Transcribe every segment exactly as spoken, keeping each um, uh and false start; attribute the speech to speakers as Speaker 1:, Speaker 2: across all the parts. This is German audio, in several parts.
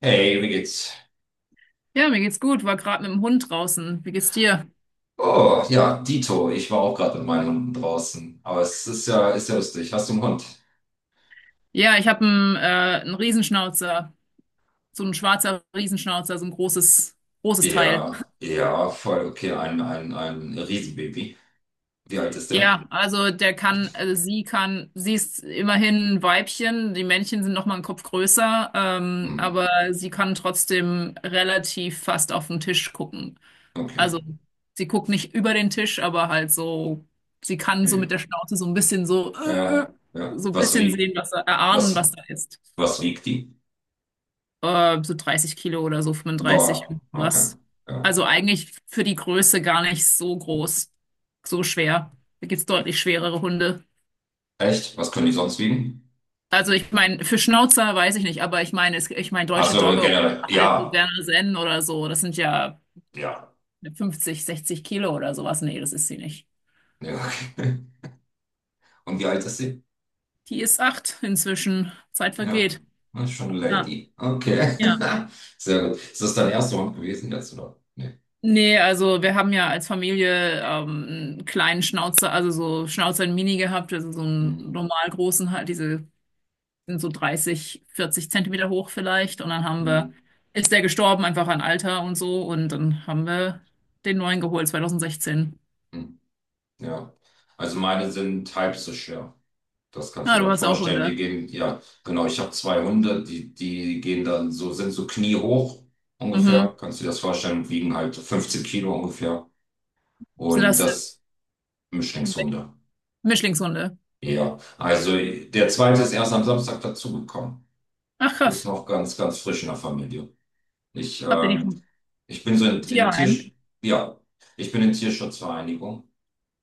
Speaker 1: Hey, wie geht's?
Speaker 2: Ja, mir geht's gut. War gerade mit dem Hund draußen. Wie geht's dir?
Speaker 1: Oh, ja, Dito, ich war auch gerade mit meinen Hunden draußen. Aber es ist ja, ist ja lustig. Hast du einen Hund?
Speaker 2: Ja, ich habe einen, äh, einen Riesenschnauzer. So ein schwarzer Riesenschnauzer, so ein großes, großes Teil.
Speaker 1: Ja, ja, voll okay. Ein, ein, ein Riesenbaby. Wie alt ist der?
Speaker 2: Ja, also der kann, also sie kann, sie ist immerhin ein Weibchen. Die Männchen sind noch mal einen Kopf größer, ähm,
Speaker 1: Hm,
Speaker 2: aber sie kann trotzdem relativ fast auf den Tisch gucken.
Speaker 1: okay.
Speaker 2: Also sie guckt nicht über den Tisch, aber halt so, sie kann so
Speaker 1: Ja,
Speaker 2: mit der Schnauze so ein bisschen so, äh, äh,
Speaker 1: ja. ja.
Speaker 2: so ein
Speaker 1: Was
Speaker 2: bisschen sehen,
Speaker 1: wiegt,
Speaker 2: was da, erahnen,
Speaker 1: was,
Speaker 2: was da ist.
Speaker 1: was wiegt die?
Speaker 2: Äh, so 30 Kilo oder so, fünfunddreißig,
Speaker 1: Boah, okay.
Speaker 2: was.
Speaker 1: Ja.
Speaker 2: Also eigentlich für die Größe gar nicht so groß, so schwer. Da gibt's deutlich schwerere Hunde.
Speaker 1: Echt? Was können die sonst wiegen?
Speaker 2: Also ich meine, für Schnauzer weiß ich nicht, aber ich meine, es- ich meine
Speaker 1: Ach
Speaker 2: deutsche
Speaker 1: so,
Speaker 2: Dogge oder
Speaker 1: generell.
Speaker 2: halt
Speaker 1: Ja,
Speaker 2: Berner Sennen oder so, das sind ja
Speaker 1: ja.
Speaker 2: fünfzig, 60 Kilo oder sowas. Nee, das ist sie nicht.
Speaker 1: Ja, okay. Und wie alt ist sie?
Speaker 2: Die ist acht inzwischen. Zeit
Speaker 1: Ja,
Speaker 2: vergeht.
Speaker 1: das ist schon eine
Speaker 2: Ja,
Speaker 1: Lady. Okay.
Speaker 2: ja.
Speaker 1: Sehr gut. Ist das dein erster Hund gewesen jetzt, oder? Nee.
Speaker 2: Nee, also wir haben ja als Familie ähm, einen kleinen Schnauzer, also so Schnauzer in Mini gehabt, also so einen
Speaker 1: Hm,
Speaker 2: normal großen halt, diese sind so dreißig, 40 Zentimeter hoch vielleicht. Und dann haben
Speaker 1: hm,
Speaker 2: wir, ist der gestorben, einfach an Alter und so. Und dann haben wir den neuen geholt, zwanzig sechzehn.
Speaker 1: hm. Ja. Also meine sind halb so schwer. Das kannst du
Speaker 2: Ah,
Speaker 1: dir
Speaker 2: du
Speaker 1: dann
Speaker 2: hast auch
Speaker 1: vorstellen. Die
Speaker 2: Hunde.
Speaker 1: gehen, ja, genau, ich habe zwei Hunde, die, die gehen dann so, sind so kniehoch ungefähr.
Speaker 2: Mhm.
Speaker 1: Kannst du dir das vorstellen? Wiegen halt fünfzehn Kilo ungefähr.
Speaker 2: Sind
Speaker 1: Und
Speaker 2: das
Speaker 1: das Mischlingshunde.
Speaker 2: Mischlingshunde?
Speaker 1: Ja. Also der zweite ist erst am Samstag dazugekommen.
Speaker 2: Ach
Speaker 1: Ist
Speaker 2: krass.
Speaker 1: noch ganz, ganz frisch in der Familie. Ich,
Speaker 2: Habt ihr die
Speaker 1: ähm,
Speaker 2: vom
Speaker 1: ich bin so in,
Speaker 2: vom
Speaker 1: in Tier,
Speaker 2: Tierheim?
Speaker 1: ja, ich bin in Tierschutzvereinigung.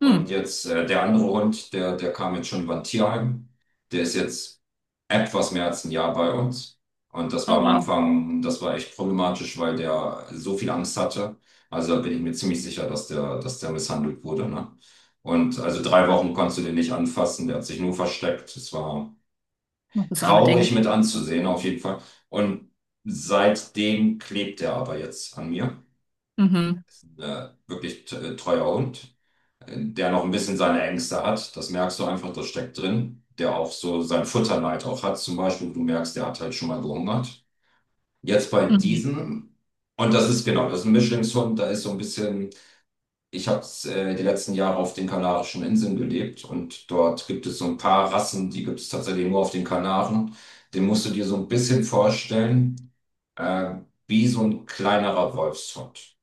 Speaker 1: Und
Speaker 2: Hm.
Speaker 1: jetzt äh, der andere Hund, der, der kam jetzt schon über ein Tierheim. Der ist jetzt etwas mehr als ein Jahr bei uns. Und das
Speaker 2: Oh
Speaker 1: war am
Speaker 2: wow.
Speaker 1: Anfang, das war echt problematisch, weil der so viel Angst hatte. Also da bin ich mir ziemlich sicher, dass der, dass der misshandelt wurde, ne? Und also drei Wochen konntest du den nicht anfassen, der hat sich nur versteckt. Es war
Speaker 2: Ach, das arme
Speaker 1: traurig
Speaker 2: Ding.
Speaker 1: mit anzusehen, auf jeden Fall. Und seitdem klebt er aber jetzt an mir.
Speaker 2: Mhm.
Speaker 1: Äh, wirklich t- äh, treuer Hund, äh, der noch ein bisschen seine Ängste hat. Das merkst du einfach, das steckt drin. Der auch so sein Futterneid auch hat. Zum Beispiel, du merkst, der hat halt schon mal gehungert. Jetzt bei
Speaker 2: Mhm.
Speaker 1: diesem, und das ist genau, das ist ein Mischlingshund, da ist so ein bisschen. Ich habe äh, die letzten Jahre auf den Kanarischen Inseln gelebt und dort gibt es so ein paar Rassen, die gibt es tatsächlich nur auf den Kanaren. Den musst du dir so ein bisschen vorstellen, äh, wie so ein kleinerer Wolfshund.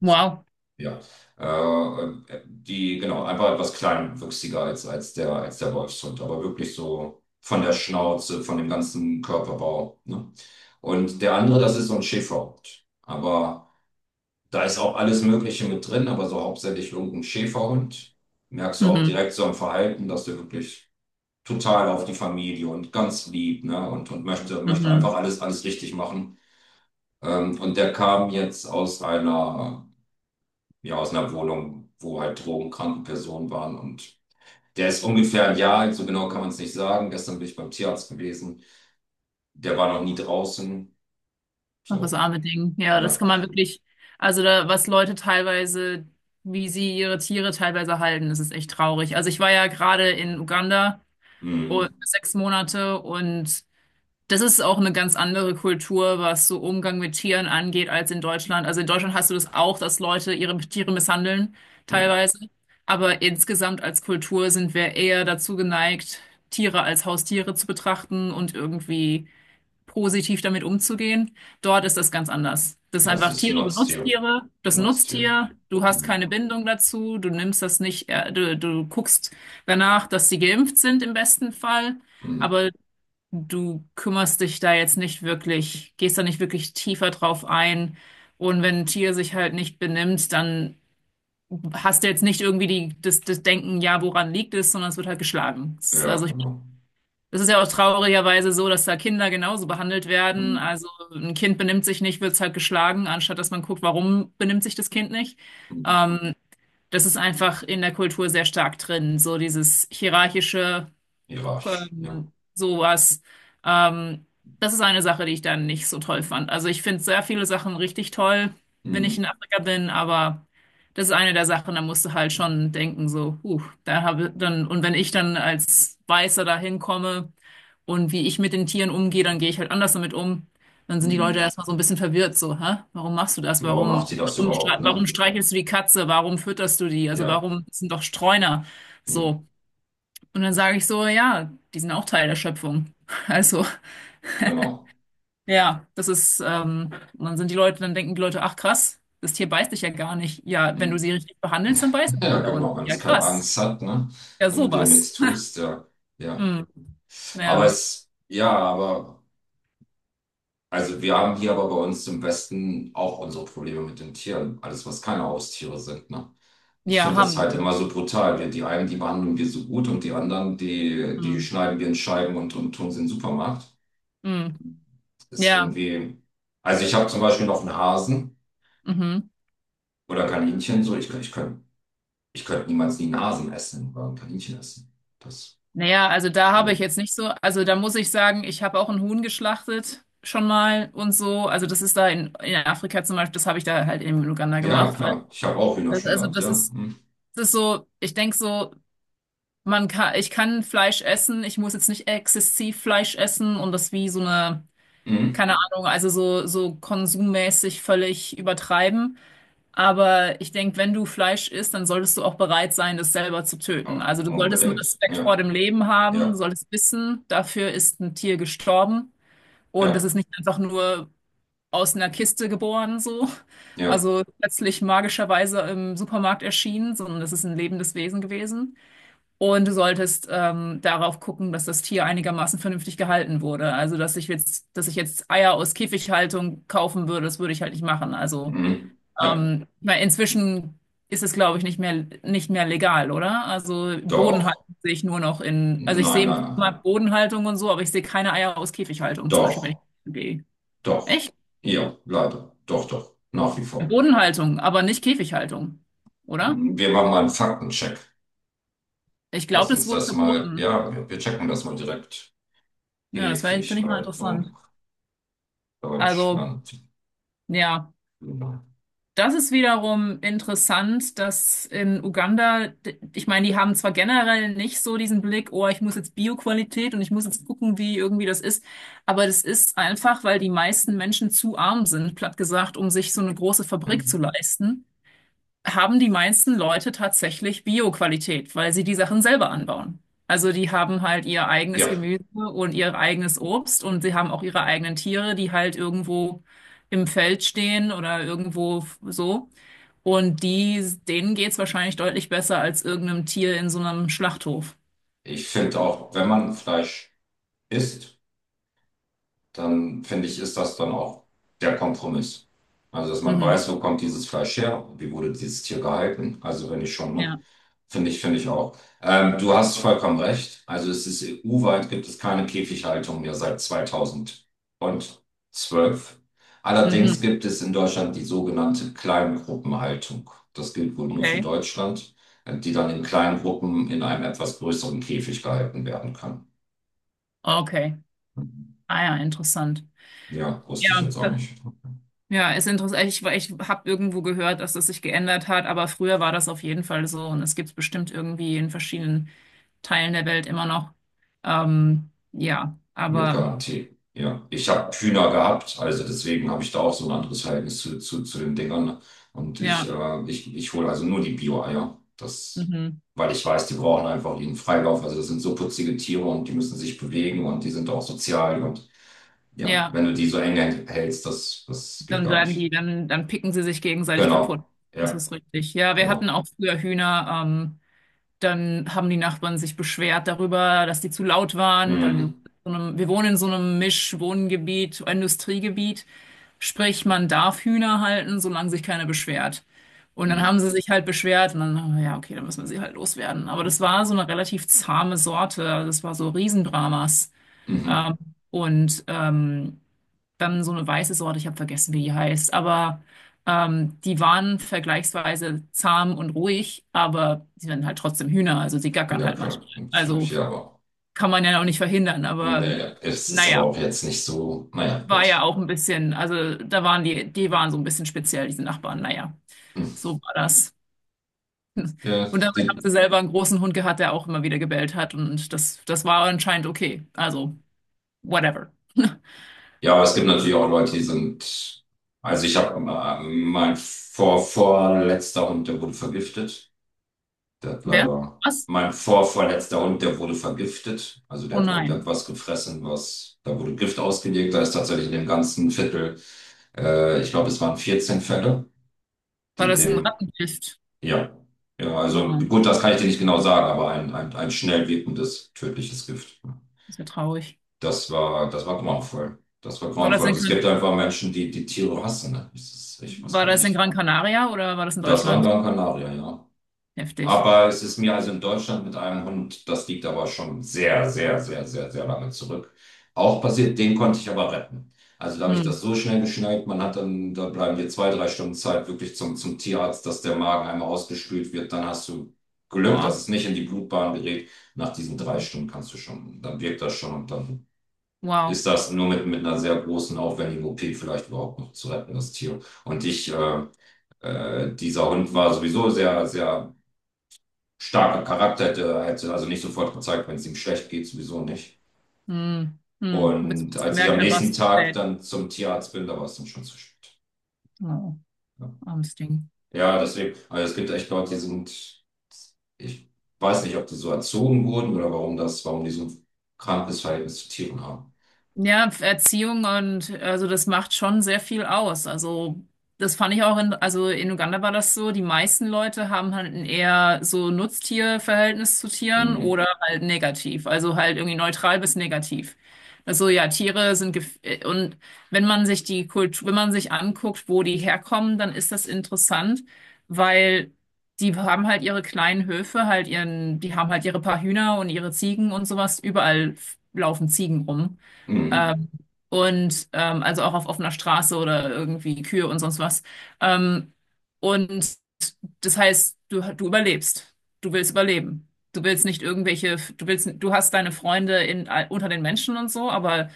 Speaker 2: Wow.
Speaker 1: Ja, äh, äh, die, genau, einfach etwas kleinwüchsiger als, als der, als der Wolfshund, aber wirklich so von der Schnauze, von dem ganzen Körperbau, ne? Und der andere, das ist so ein Schäferhund. Aber da ist auch alles Mögliche mit drin, aber so hauptsächlich irgendein Schäferhund. Merkst du auch
Speaker 2: Mhm.
Speaker 1: direkt so am Verhalten, dass der wirklich total auf die Familie und ganz lieb, ne? Und, und möchte, möchte einfach
Speaker 2: Mhm.
Speaker 1: alles, alles richtig machen. Ähm, und der kam jetzt aus einer, ja, aus einer Wohnung, wo halt drogenkranke Personen waren. Und der ist ungefähr ein Jahr alt, so genau kann man es nicht sagen. Gestern bin ich beim Tierarzt gewesen. Der war noch nie draußen.
Speaker 2: Ach, das
Speaker 1: So,
Speaker 2: arme Ding. Ja, das
Speaker 1: ja.
Speaker 2: kann man wirklich, also da, was Leute teilweise, wie sie ihre Tiere teilweise halten, das ist echt traurig. Also ich war ja gerade in Uganda und
Speaker 1: Mhm.
Speaker 2: sechs Monate, und das ist auch eine ganz andere Kultur, was so Umgang mit Tieren angeht, als in Deutschland. Also in Deutschland hast du das auch, dass Leute ihre Tiere misshandeln,
Speaker 1: Mhm.
Speaker 2: teilweise. Aber insgesamt als Kultur sind wir eher dazu geneigt, Tiere als Haustiere zu betrachten und irgendwie positiv damit umzugehen. Dort ist das ganz anders. Das ist
Speaker 1: Ja, es
Speaker 2: einfach,
Speaker 1: ist ein
Speaker 2: Tiere sind
Speaker 1: Nutztier.
Speaker 2: Nutztiere, das ist ein
Speaker 1: Nutztier.
Speaker 2: Nutztier, du hast
Speaker 1: Mhm.
Speaker 2: keine Bindung dazu, du nimmst das nicht, äh, du, du guckst danach, dass sie geimpft sind im besten Fall,
Speaker 1: Mhm.
Speaker 2: aber du kümmerst dich da jetzt nicht wirklich, gehst da nicht wirklich tiefer drauf ein. Und wenn ein Tier sich halt nicht benimmt, dann hast du jetzt nicht irgendwie die, das, das Denken, ja, woran liegt es, sondern es wird halt geschlagen. Es-
Speaker 1: Ja,
Speaker 2: Also ich
Speaker 1: genau.
Speaker 2: das ist ja auch traurigerweise so, dass da Kinder genauso behandelt werden.
Speaker 1: Mhm.
Speaker 2: Also ein Kind benimmt sich nicht, wird es halt geschlagen, anstatt dass man guckt, warum benimmt sich das Kind nicht.
Speaker 1: Mhm.
Speaker 2: Ähm, Das ist einfach in der Kultur sehr stark drin. So dieses hierarchische,
Speaker 1: Hierarchisch, ja.
Speaker 2: ähm, sowas. Ähm, Das ist eine Sache, die ich dann nicht so toll fand. Also ich finde sehr viele Sachen richtig toll, wenn ich in
Speaker 1: Mhm.
Speaker 2: Afrika bin, aber das ist eine der Sachen, da musst du halt schon denken, so, huh, da habe dann, und wenn ich dann als Weißer da hinkomme und wie ich mit den Tieren umgehe, dann gehe ich halt anders damit um. Dann sind die Leute
Speaker 1: Mhm.
Speaker 2: erstmal so ein bisschen verwirrt, so, hä? Warum machst du das?
Speaker 1: Warum macht sie
Speaker 2: Warum,
Speaker 1: das
Speaker 2: warum,
Speaker 1: überhaupt,
Speaker 2: stre- warum
Speaker 1: ne?
Speaker 2: streichelst du die Katze? Warum fütterst du die? Also
Speaker 1: Ja,
Speaker 2: warum, das sind doch Streuner?
Speaker 1: mhm.
Speaker 2: So. Und dann sage ich so, ja, die sind auch Teil der Schöpfung. Also,
Speaker 1: Genau.
Speaker 2: ja, das ist, ähm, und dann sind die Leute, dann denken die Leute, ach krass, das Tier beißt dich ja gar nicht. Ja, wenn
Speaker 1: Mhm.
Speaker 2: du sie richtig behandelst, dann beißen sie
Speaker 1: Ja,
Speaker 2: dich auch nicht.
Speaker 1: genau, wenn
Speaker 2: Ja,
Speaker 1: es keine
Speaker 2: krass.
Speaker 1: Angst hat, ne?
Speaker 2: Ja,
Speaker 1: Wenn du dem nichts
Speaker 2: sowas.
Speaker 1: tust, ja. Ja.
Speaker 2: Hm.
Speaker 1: Aber
Speaker 2: Ja,
Speaker 1: es, ja, aber, also wir haben hier aber bei uns im Westen auch unsere Probleme mit den Tieren. Alles, was keine Haustiere sind, ne? Ich
Speaker 2: ja,
Speaker 1: finde das
Speaker 2: haben
Speaker 1: halt
Speaker 2: wir.
Speaker 1: immer so brutal. Wir, die einen, die behandeln wir so gut und die anderen, die, die
Speaker 2: Hm.
Speaker 1: schneiden wir in Scheiben und, und tun sie in den Supermarkt.
Speaker 2: Hm.
Speaker 1: Ist
Speaker 2: Ja,
Speaker 1: irgendwie. Also ich habe zum Beispiel noch einen Hasen
Speaker 2: mhm.
Speaker 1: oder Kaninchen. So, ich, ich könnte ich könnt niemals nie einen Hasen essen oder ein Kaninchen essen. Das.
Speaker 2: Naja, also da habe ich
Speaker 1: So.
Speaker 2: jetzt nicht so, also da muss ich sagen, ich habe auch ein Huhn geschlachtet schon mal und so. Also das ist da in, in Afrika zum Beispiel, das habe ich da halt in Uganda
Speaker 1: Ja,
Speaker 2: gemacht, weil
Speaker 1: klar. Ich habe auch Hühner
Speaker 2: das,
Speaker 1: schon
Speaker 2: also
Speaker 1: gehabt,
Speaker 2: das
Speaker 1: ja.
Speaker 2: ist,
Speaker 1: Mhm.
Speaker 2: es ist so, ich denke so, man kann, ich kann Fleisch essen, ich muss jetzt nicht exzessiv Fleisch essen und das wie so eine,
Speaker 1: Mhm.
Speaker 2: keine Ahnung, also so, so konsummäßig völlig übertreiben. Aber ich denke, wenn du Fleisch isst, dann solltest du auch bereit sein, das selber zu töten.
Speaker 1: Ja,
Speaker 2: Also du solltest einen
Speaker 1: unbedingt.
Speaker 2: Respekt vor
Speaker 1: Ja,
Speaker 2: dem Leben haben,
Speaker 1: ja,
Speaker 2: du solltest wissen, dafür ist ein Tier gestorben und das
Speaker 1: ja,
Speaker 2: ist nicht einfach nur aus einer Kiste geboren, so.
Speaker 1: ja.
Speaker 2: Also plötzlich magischerweise im Supermarkt erschienen, sondern das ist ein lebendes Wesen gewesen. Und du solltest ähm, darauf gucken, dass das Tier einigermaßen vernünftig gehalten wurde. Also, dass ich jetzt, dass ich jetzt Eier aus Käfighaltung kaufen würde, das würde ich halt nicht machen. Also,
Speaker 1: Mhm. Ja,
Speaker 2: ähm, weil inzwischen ist es, glaube ich, nicht mehr, nicht mehr legal, oder? Also,
Speaker 1: doch.
Speaker 2: Bodenhaltung sehe ich nur noch in, also ich
Speaker 1: Nein, nein,
Speaker 2: sehe immer
Speaker 1: nein.
Speaker 2: Bodenhaltung und so, aber ich sehe keine Eier aus Käfighaltung, zum Beispiel, wenn ich
Speaker 1: Doch,
Speaker 2: gehe.
Speaker 1: doch.
Speaker 2: Echt?
Speaker 1: Ja, leider. Doch, doch. Nach wie vor.
Speaker 2: Bodenhaltung, aber nicht Käfighaltung, oder?
Speaker 1: Mhm. Wir machen mal einen Faktencheck.
Speaker 2: Ich
Speaker 1: Lass
Speaker 2: glaube, das
Speaker 1: uns
Speaker 2: wurde
Speaker 1: das mal,
Speaker 2: verboten.
Speaker 1: ja, wir, wir checken das mal direkt.
Speaker 2: Ja, das wäre, finde ich, mal interessant.
Speaker 1: Käfighaltung.
Speaker 2: Also,
Speaker 1: Deutschland.
Speaker 2: ja.
Speaker 1: Mhm.
Speaker 2: Das ist wiederum interessant, dass in Uganda, d- ich meine, die haben zwar generell nicht so diesen Blick, oh, ich muss jetzt Bioqualität und ich muss jetzt gucken, wie irgendwie das ist, aber das ist einfach, weil die meisten Menschen zu arm sind, platt gesagt, um sich so eine große Fabrik zu leisten, haben die meisten Leute tatsächlich Bioqualität, weil sie die Sachen selber anbauen. Also die haben halt ihr eigenes
Speaker 1: Ja,
Speaker 2: Gemüse und ihr eigenes Obst und sie haben auch ihre eigenen Tiere, die halt irgendwo im Feld stehen oder irgendwo f- so. Und die, denen geht's wahrscheinlich deutlich besser als irgendeinem Tier in so einem Schlachthof.
Speaker 1: ich finde auch, wenn man Fleisch isst, dann finde ich, ist das dann auch der Kompromiss. Also, dass man
Speaker 2: Mhm.
Speaker 1: weiß, wo kommt dieses Fleisch her, wie wurde dieses Tier gehalten. Also, wenn ich schon, ne?
Speaker 2: Ja.
Speaker 1: Finde ich, finde ich auch. Ähm, du hast vollkommen recht. Also, es ist E U-weit gibt es keine Käfighaltung mehr seit zweitausendzwölf. Allerdings
Speaker 2: Mhm.
Speaker 1: gibt es in Deutschland die sogenannte Kleingruppenhaltung. Das gilt wohl nur für
Speaker 2: Okay.
Speaker 1: Deutschland, äh, die dann in kleinen Gruppen in einem etwas größeren Käfig gehalten werden kann.
Speaker 2: Okay. Ah ja, interessant.
Speaker 1: Ja, wusste ich
Speaker 2: Ja,
Speaker 1: jetzt auch
Speaker 2: da-
Speaker 1: nicht.
Speaker 2: ja, ist interessant. Ich, weil ich habe irgendwo gehört, dass das sich geändert hat, aber früher war das auf jeden Fall so und es gibt es bestimmt irgendwie in verschiedenen Teilen der Welt immer noch. Ähm, ja,
Speaker 1: Mit
Speaker 2: aber
Speaker 1: Garantie. Ja, ich habe Hühner gehabt, also deswegen habe ich da auch so ein anderes Verhältnis zu, zu, zu den Dingern. Und ich,
Speaker 2: ja,
Speaker 1: äh, ich, ich hole also nur die Bio-Eier. Das,
Speaker 2: mhm.
Speaker 1: weil ich weiß, die brauchen einfach ihren Freilauf. Also das sind so putzige Tiere und die müssen sich bewegen und die sind auch sozial. Und ja,
Speaker 2: Ja,
Speaker 1: wenn du die so eng hältst, das, das geht
Speaker 2: dann
Speaker 1: gar
Speaker 2: werden die,
Speaker 1: nicht.
Speaker 2: dann, dann picken sie sich gegenseitig kaputt.
Speaker 1: Genau.
Speaker 2: Das
Speaker 1: Ja,
Speaker 2: ist richtig. Ja, wir hatten
Speaker 1: genau.
Speaker 2: auch früher Hühner. Ähm, Dann haben die Nachbarn sich beschwert darüber, dass die zu laut waren, weil wir,
Speaker 1: Mhm.
Speaker 2: so einem, wir wohnen in so einem Mischwohngebiet, Industriegebiet. Sprich, man darf Hühner halten, solange sich keiner beschwert. Und dann
Speaker 1: Mhm.
Speaker 2: haben sie sich halt beschwert und dann, ja, okay, dann müssen wir sie halt loswerden. Aber das war so eine relativ zahme Sorte. Also das war so Riesendramas.
Speaker 1: Mhm.
Speaker 2: Ähm, und ähm, dann so eine weiße Sorte, ich habe vergessen, wie die heißt, aber ähm, die waren vergleichsweise zahm und ruhig, aber sie werden halt trotzdem Hühner, also sie gackern
Speaker 1: Ja,
Speaker 2: halt manchmal.
Speaker 1: klar. Natürlich,
Speaker 2: Also
Speaker 1: ja, aber.
Speaker 2: kann man ja auch nicht verhindern, aber
Speaker 1: Naja, es ist aber
Speaker 2: naja,
Speaker 1: auch jetzt nicht so. Naja,
Speaker 2: war ja
Speaker 1: gut.
Speaker 2: auch ein bisschen, also da waren die, die waren so ein bisschen speziell, diese Nachbarn, naja,
Speaker 1: Mhm.
Speaker 2: so war das.
Speaker 1: Ja,
Speaker 2: Und dabei haben sie
Speaker 1: die,
Speaker 2: selber einen großen Hund gehabt, der auch immer wieder gebellt hat und das, das war anscheinend okay, also whatever.
Speaker 1: ja, aber es gibt natürlich auch Leute, die sind. Also ich habe äh, mein vor vorletzter Hund, der wurde vergiftet. Der hat
Speaker 2: Wer?
Speaker 1: leider.
Speaker 2: Was?
Speaker 1: Mein vorvorletzter Hund, der wurde vergiftet. Also der
Speaker 2: Oh
Speaker 1: hat
Speaker 2: nein,
Speaker 1: irgendetwas gefressen, was. Da wurde Gift ausgelegt. Da ist tatsächlich in dem ganzen Viertel, äh, ich glaube, es waren vierzehn Fälle,
Speaker 2: war
Speaker 1: die
Speaker 2: das ein
Speaker 1: dem.
Speaker 2: Rattengift?
Speaker 1: Ja. Ja, also
Speaker 2: Oh.
Speaker 1: gut, das kann ich dir nicht genau sagen, aber ein, ein, ein schnell wirkendes, tödliches Gift.
Speaker 2: Ist ja traurig.
Speaker 1: Das war, das war grauenvoll. Das war
Speaker 2: War das
Speaker 1: grauenvoll.
Speaker 2: in
Speaker 1: Und es gibt
Speaker 2: Gran
Speaker 1: einfach Menschen, die die Tiere hassen. Ne? Das ist, ich weiß
Speaker 2: War
Speaker 1: gar
Speaker 2: das in
Speaker 1: nicht.
Speaker 2: Gran Canaria oder war das in
Speaker 1: Das war in
Speaker 2: Deutschland?
Speaker 1: Gran Canaria, ja.
Speaker 2: Heftig.
Speaker 1: Aber es ist mir also in Deutschland mit einem Hund, das liegt aber schon sehr, sehr, sehr, sehr, sehr lange zurück. Auch passiert, den konnte ich aber retten. Also da habe ich
Speaker 2: Hm.
Speaker 1: das so schnell geschnallt, man hat dann, da bleiben dir zwei, drei Stunden Zeit wirklich zum, zum Tierarzt, dass der Magen einmal ausgespült wird. Dann hast du Glück, dass
Speaker 2: Boah.
Speaker 1: es nicht in die Blutbahn gerät. Nach diesen drei
Speaker 2: Mhm.
Speaker 1: Stunden kannst du schon, dann wirkt das schon und dann
Speaker 2: Wow.
Speaker 1: ist das nur mit, mit einer sehr großen, aufwendigen O P vielleicht überhaupt noch zu retten, das Tier. Und ich, äh, äh, dieser Hund war sowieso sehr, sehr starker Charakter, hätte, hätte also nicht sofort gezeigt, wenn es ihm schlecht geht, sowieso nicht.
Speaker 2: Hm. Hm. Bis man
Speaker 1: Und
Speaker 2: es
Speaker 1: als ich
Speaker 2: gemerkt
Speaker 1: am
Speaker 2: hat, war
Speaker 1: nächsten
Speaker 2: es
Speaker 1: Tag
Speaker 2: spät.
Speaker 1: dann zum Tierarzt bin, da war es dann schon zu spät.
Speaker 2: Oh,
Speaker 1: Ja,
Speaker 2: armes Ding.
Speaker 1: ja deswegen, also es gibt echt Leute, die sind, ich weiß nicht, ob die so erzogen wurden oder warum das, warum die so ein krankes Verhältnis zu Tieren haben.
Speaker 2: Ja, Erziehung und also das macht schon sehr viel aus. Also das fand ich auch in, also in Uganda war das so, die meisten Leute haben halt ein eher so Nutztierverhältnis zu Tieren
Speaker 1: Mhm.
Speaker 2: oder halt negativ, also halt irgendwie neutral bis negativ. Also ja, Tiere sind gef äh, und wenn man sich die Kultur, wenn man sich anguckt, wo die herkommen, dann ist das interessant, weil die haben halt ihre kleinen Höfe, halt ihren, die haben halt ihre paar Hühner und ihre Ziegen und sowas, überall laufen Ziegen rum.
Speaker 1: Mhm.
Speaker 2: Ähm, und ähm, also auch auf offener Straße oder irgendwie Kühe und sonst was. Ähm, und das heißt, du, du überlebst. Du willst überleben. Du willst nicht irgendwelche, du willst, du hast deine Freunde in, unter den Menschen und so, aber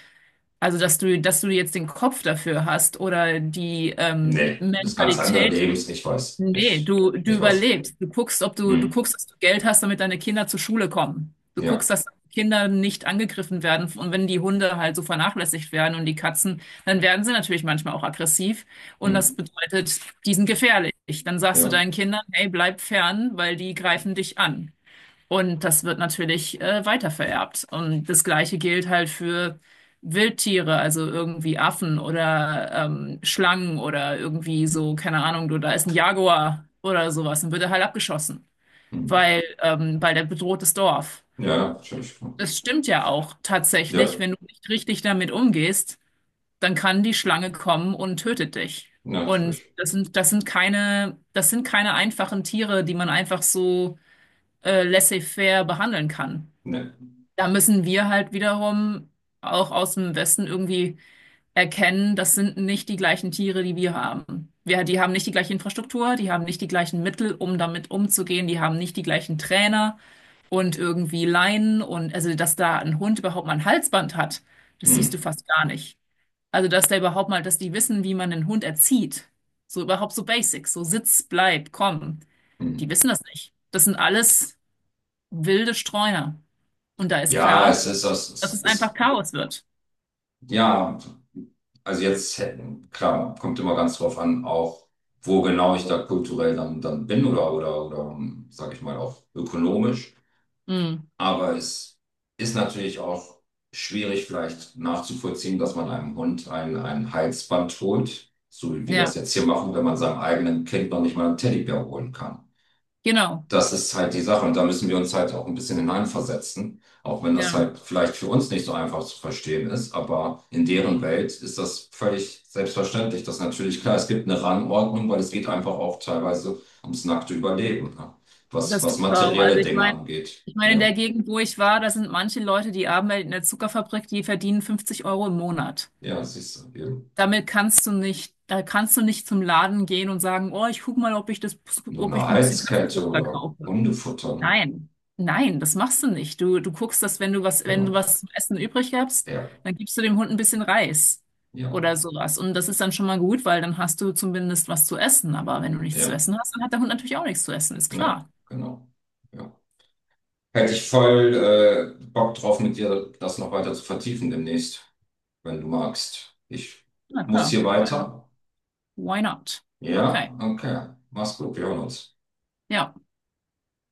Speaker 2: also, dass du, dass du jetzt den Kopf dafür hast oder die ähm,
Speaker 1: Nee, das ganz andere
Speaker 2: Mentalität.
Speaker 1: Lebens, ich weiß.
Speaker 2: Nee,
Speaker 1: Ich,
Speaker 2: du, du
Speaker 1: ich weiß.
Speaker 2: überlebst. Du guckst, ob du, du guckst,
Speaker 1: Hm.
Speaker 2: dass du Geld hast, damit deine Kinder zur Schule kommen. Du
Speaker 1: Ja,
Speaker 2: guckst, dass Kinder nicht angegriffen werden. Und wenn die Hunde halt so vernachlässigt werden und die Katzen, dann werden sie natürlich manchmal auch aggressiv. Und
Speaker 1: hm.
Speaker 2: das bedeutet, die sind gefährlich. Dann sagst du
Speaker 1: ja,
Speaker 2: deinen Kindern, hey, bleib fern, weil die greifen dich an. Und das wird natürlich äh, weitervererbt. Und das Gleiche gilt halt für Wildtiere, also irgendwie Affen oder ähm, Schlangen oder irgendwie so, keine Ahnung, du, da ist ein Jaguar oder sowas und wird er halt abgeschossen,
Speaker 1: hm.
Speaker 2: weil, ähm, weil der bedroht das Dorf.
Speaker 1: Ja, natürlich.
Speaker 2: Das stimmt ja auch tatsächlich,
Speaker 1: Ja,
Speaker 2: wenn du nicht richtig damit umgehst, dann kann die Schlange kommen und tötet dich. Und
Speaker 1: natürlich.
Speaker 2: das sind, das sind keine, das sind keine einfachen Tiere, die man einfach so äh, laissez-faire behandeln kann.
Speaker 1: Nee.
Speaker 2: Da müssen wir halt wiederum auch aus dem Westen irgendwie erkennen, das sind nicht die gleichen Tiere, die wir haben. Wir, die haben nicht die gleiche Infrastruktur, die haben nicht die gleichen Mittel, um damit umzugehen, die haben nicht die gleichen Trainer und irgendwie Leinen und also, dass da ein Hund überhaupt mal ein Halsband hat, das siehst du
Speaker 1: Hm.
Speaker 2: fast gar nicht. Also, dass der überhaupt mal, dass die wissen, wie man einen Hund erzieht. So überhaupt so Basics, so Sitz, bleib, komm.
Speaker 1: Hm.
Speaker 2: Die wissen das nicht. Das sind alles wilde Streuner. Und da ist
Speaker 1: Ja,
Speaker 2: klar,
Speaker 1: es ist, es
Speaker 2: dass
Speaker 1: ist,
Speaker 2: es
Speaker 1: es
Speaker 2: einfach
Speaker 1: ist,
Speaker 2: Chaos wird.
Speaker 1: ja, also jetzt, hätten- klar, kommt immer ganz drauf an, auch wo genau ich da kulturell dann, dann bin oder, oder, oder, sag ich mal, auch ökonomisch.
Speaker 2: Mhm.
Speaker 1: Aber es ist natürlich auch schwierig vielleicht nachzuvollziehen, dass man einem Hund ein, ein Halsband holt, so wie wir das
Speaker 2: Ja,
Speaker 1: jetzt hier machen, wenn man seinem eigenen Kind noch nicht mal einen Teddybär holen kann.
Speaker 2: genau.
Speaker 1: Das ist halt die Sache und da müssen wir uns halt auch ein bisschen hineinversetzen, auch wenn das
Speaker 2: Ja,
Speaker 1: halt vielleicht für uns nicht so einfach zu verstehen ist, aber in deren Welt ist das völlig selbstverständlich. Das ist natürlich klar, es gibt eine Rangordnung, weil es geht einfach auch teilweise ums nackte Überleben, ne? Was,
Speaker 2: das
Speaker 1: was
Speaker 2: tut's auch. Also
Speaker 1: materielle
Speaker 2: ich
Speaker 1: Dinge
Speaker 2: meine,
Speaker 1: angeht.
Speaker 2: ich meine, in der
Speaker 1: Ja.
Speaker 2: Gegend, wo ich war, da sind manche Leute, die arbeiten in der Zuckerfabrik, die verdienen fünfzig Euro im Monat.
Speaker 1: Ja, siehst du, eben.
Speaker 2: Damit kannst du nicht, da kannst du nicht zum Laden gehen und sagen, oh, ich guck mal, ob ich das,
Speaker 1: Nur
Speaker 2: ob
Speaker 1: eine
Speaker 2: ich ein bisschen
Speaker 1: Halskette
Speaker 2: Katzenfutter
Speaker 1: oder
Speaker 2: kaufe.
Speaker 1: Hundefutter, ne?
Speaker 2: Nein, nein, das machst du nicht. Du, du guckst, dass, wenn du was, wenn du
Speaker 1: Genau.
Speaker 2: was zum Essen übrig hast,
Speaker 1: Ja,
Speaker 2: dann gibst du dem Hund ein bisschen Reis
Speaker 1: ja,
Speaker 2: oder sowas. Und das ist dann schon mal gut, weil dann hast du zumindest was zu essen. Aber wenn du nichts zu
Speaker 1: ja,
Speaker 2: essen hast, dann hat der Hund natürlich auch nichts zu essen, ist
Speaker 1: ne,
Speaker 2: klar.
Speaker 1: genau. Ja. Hätte ich voll äh, Bock drauf, mit dir das noch weiter zu vertiefen demnächst, wenn du magst. Ich
Speaker 2: Na
Speaker 1: muss
Speaker 2: klar,
Speaker 1: hier
Speaker 2: weil
Speaker 1: weiter.
Speaker 2: why not?
Speaker 1: Ja,
Speaker 2: Okay,
Speaker 1: okay. Mach's gut, wir hören uns.
Speaker 2: ja.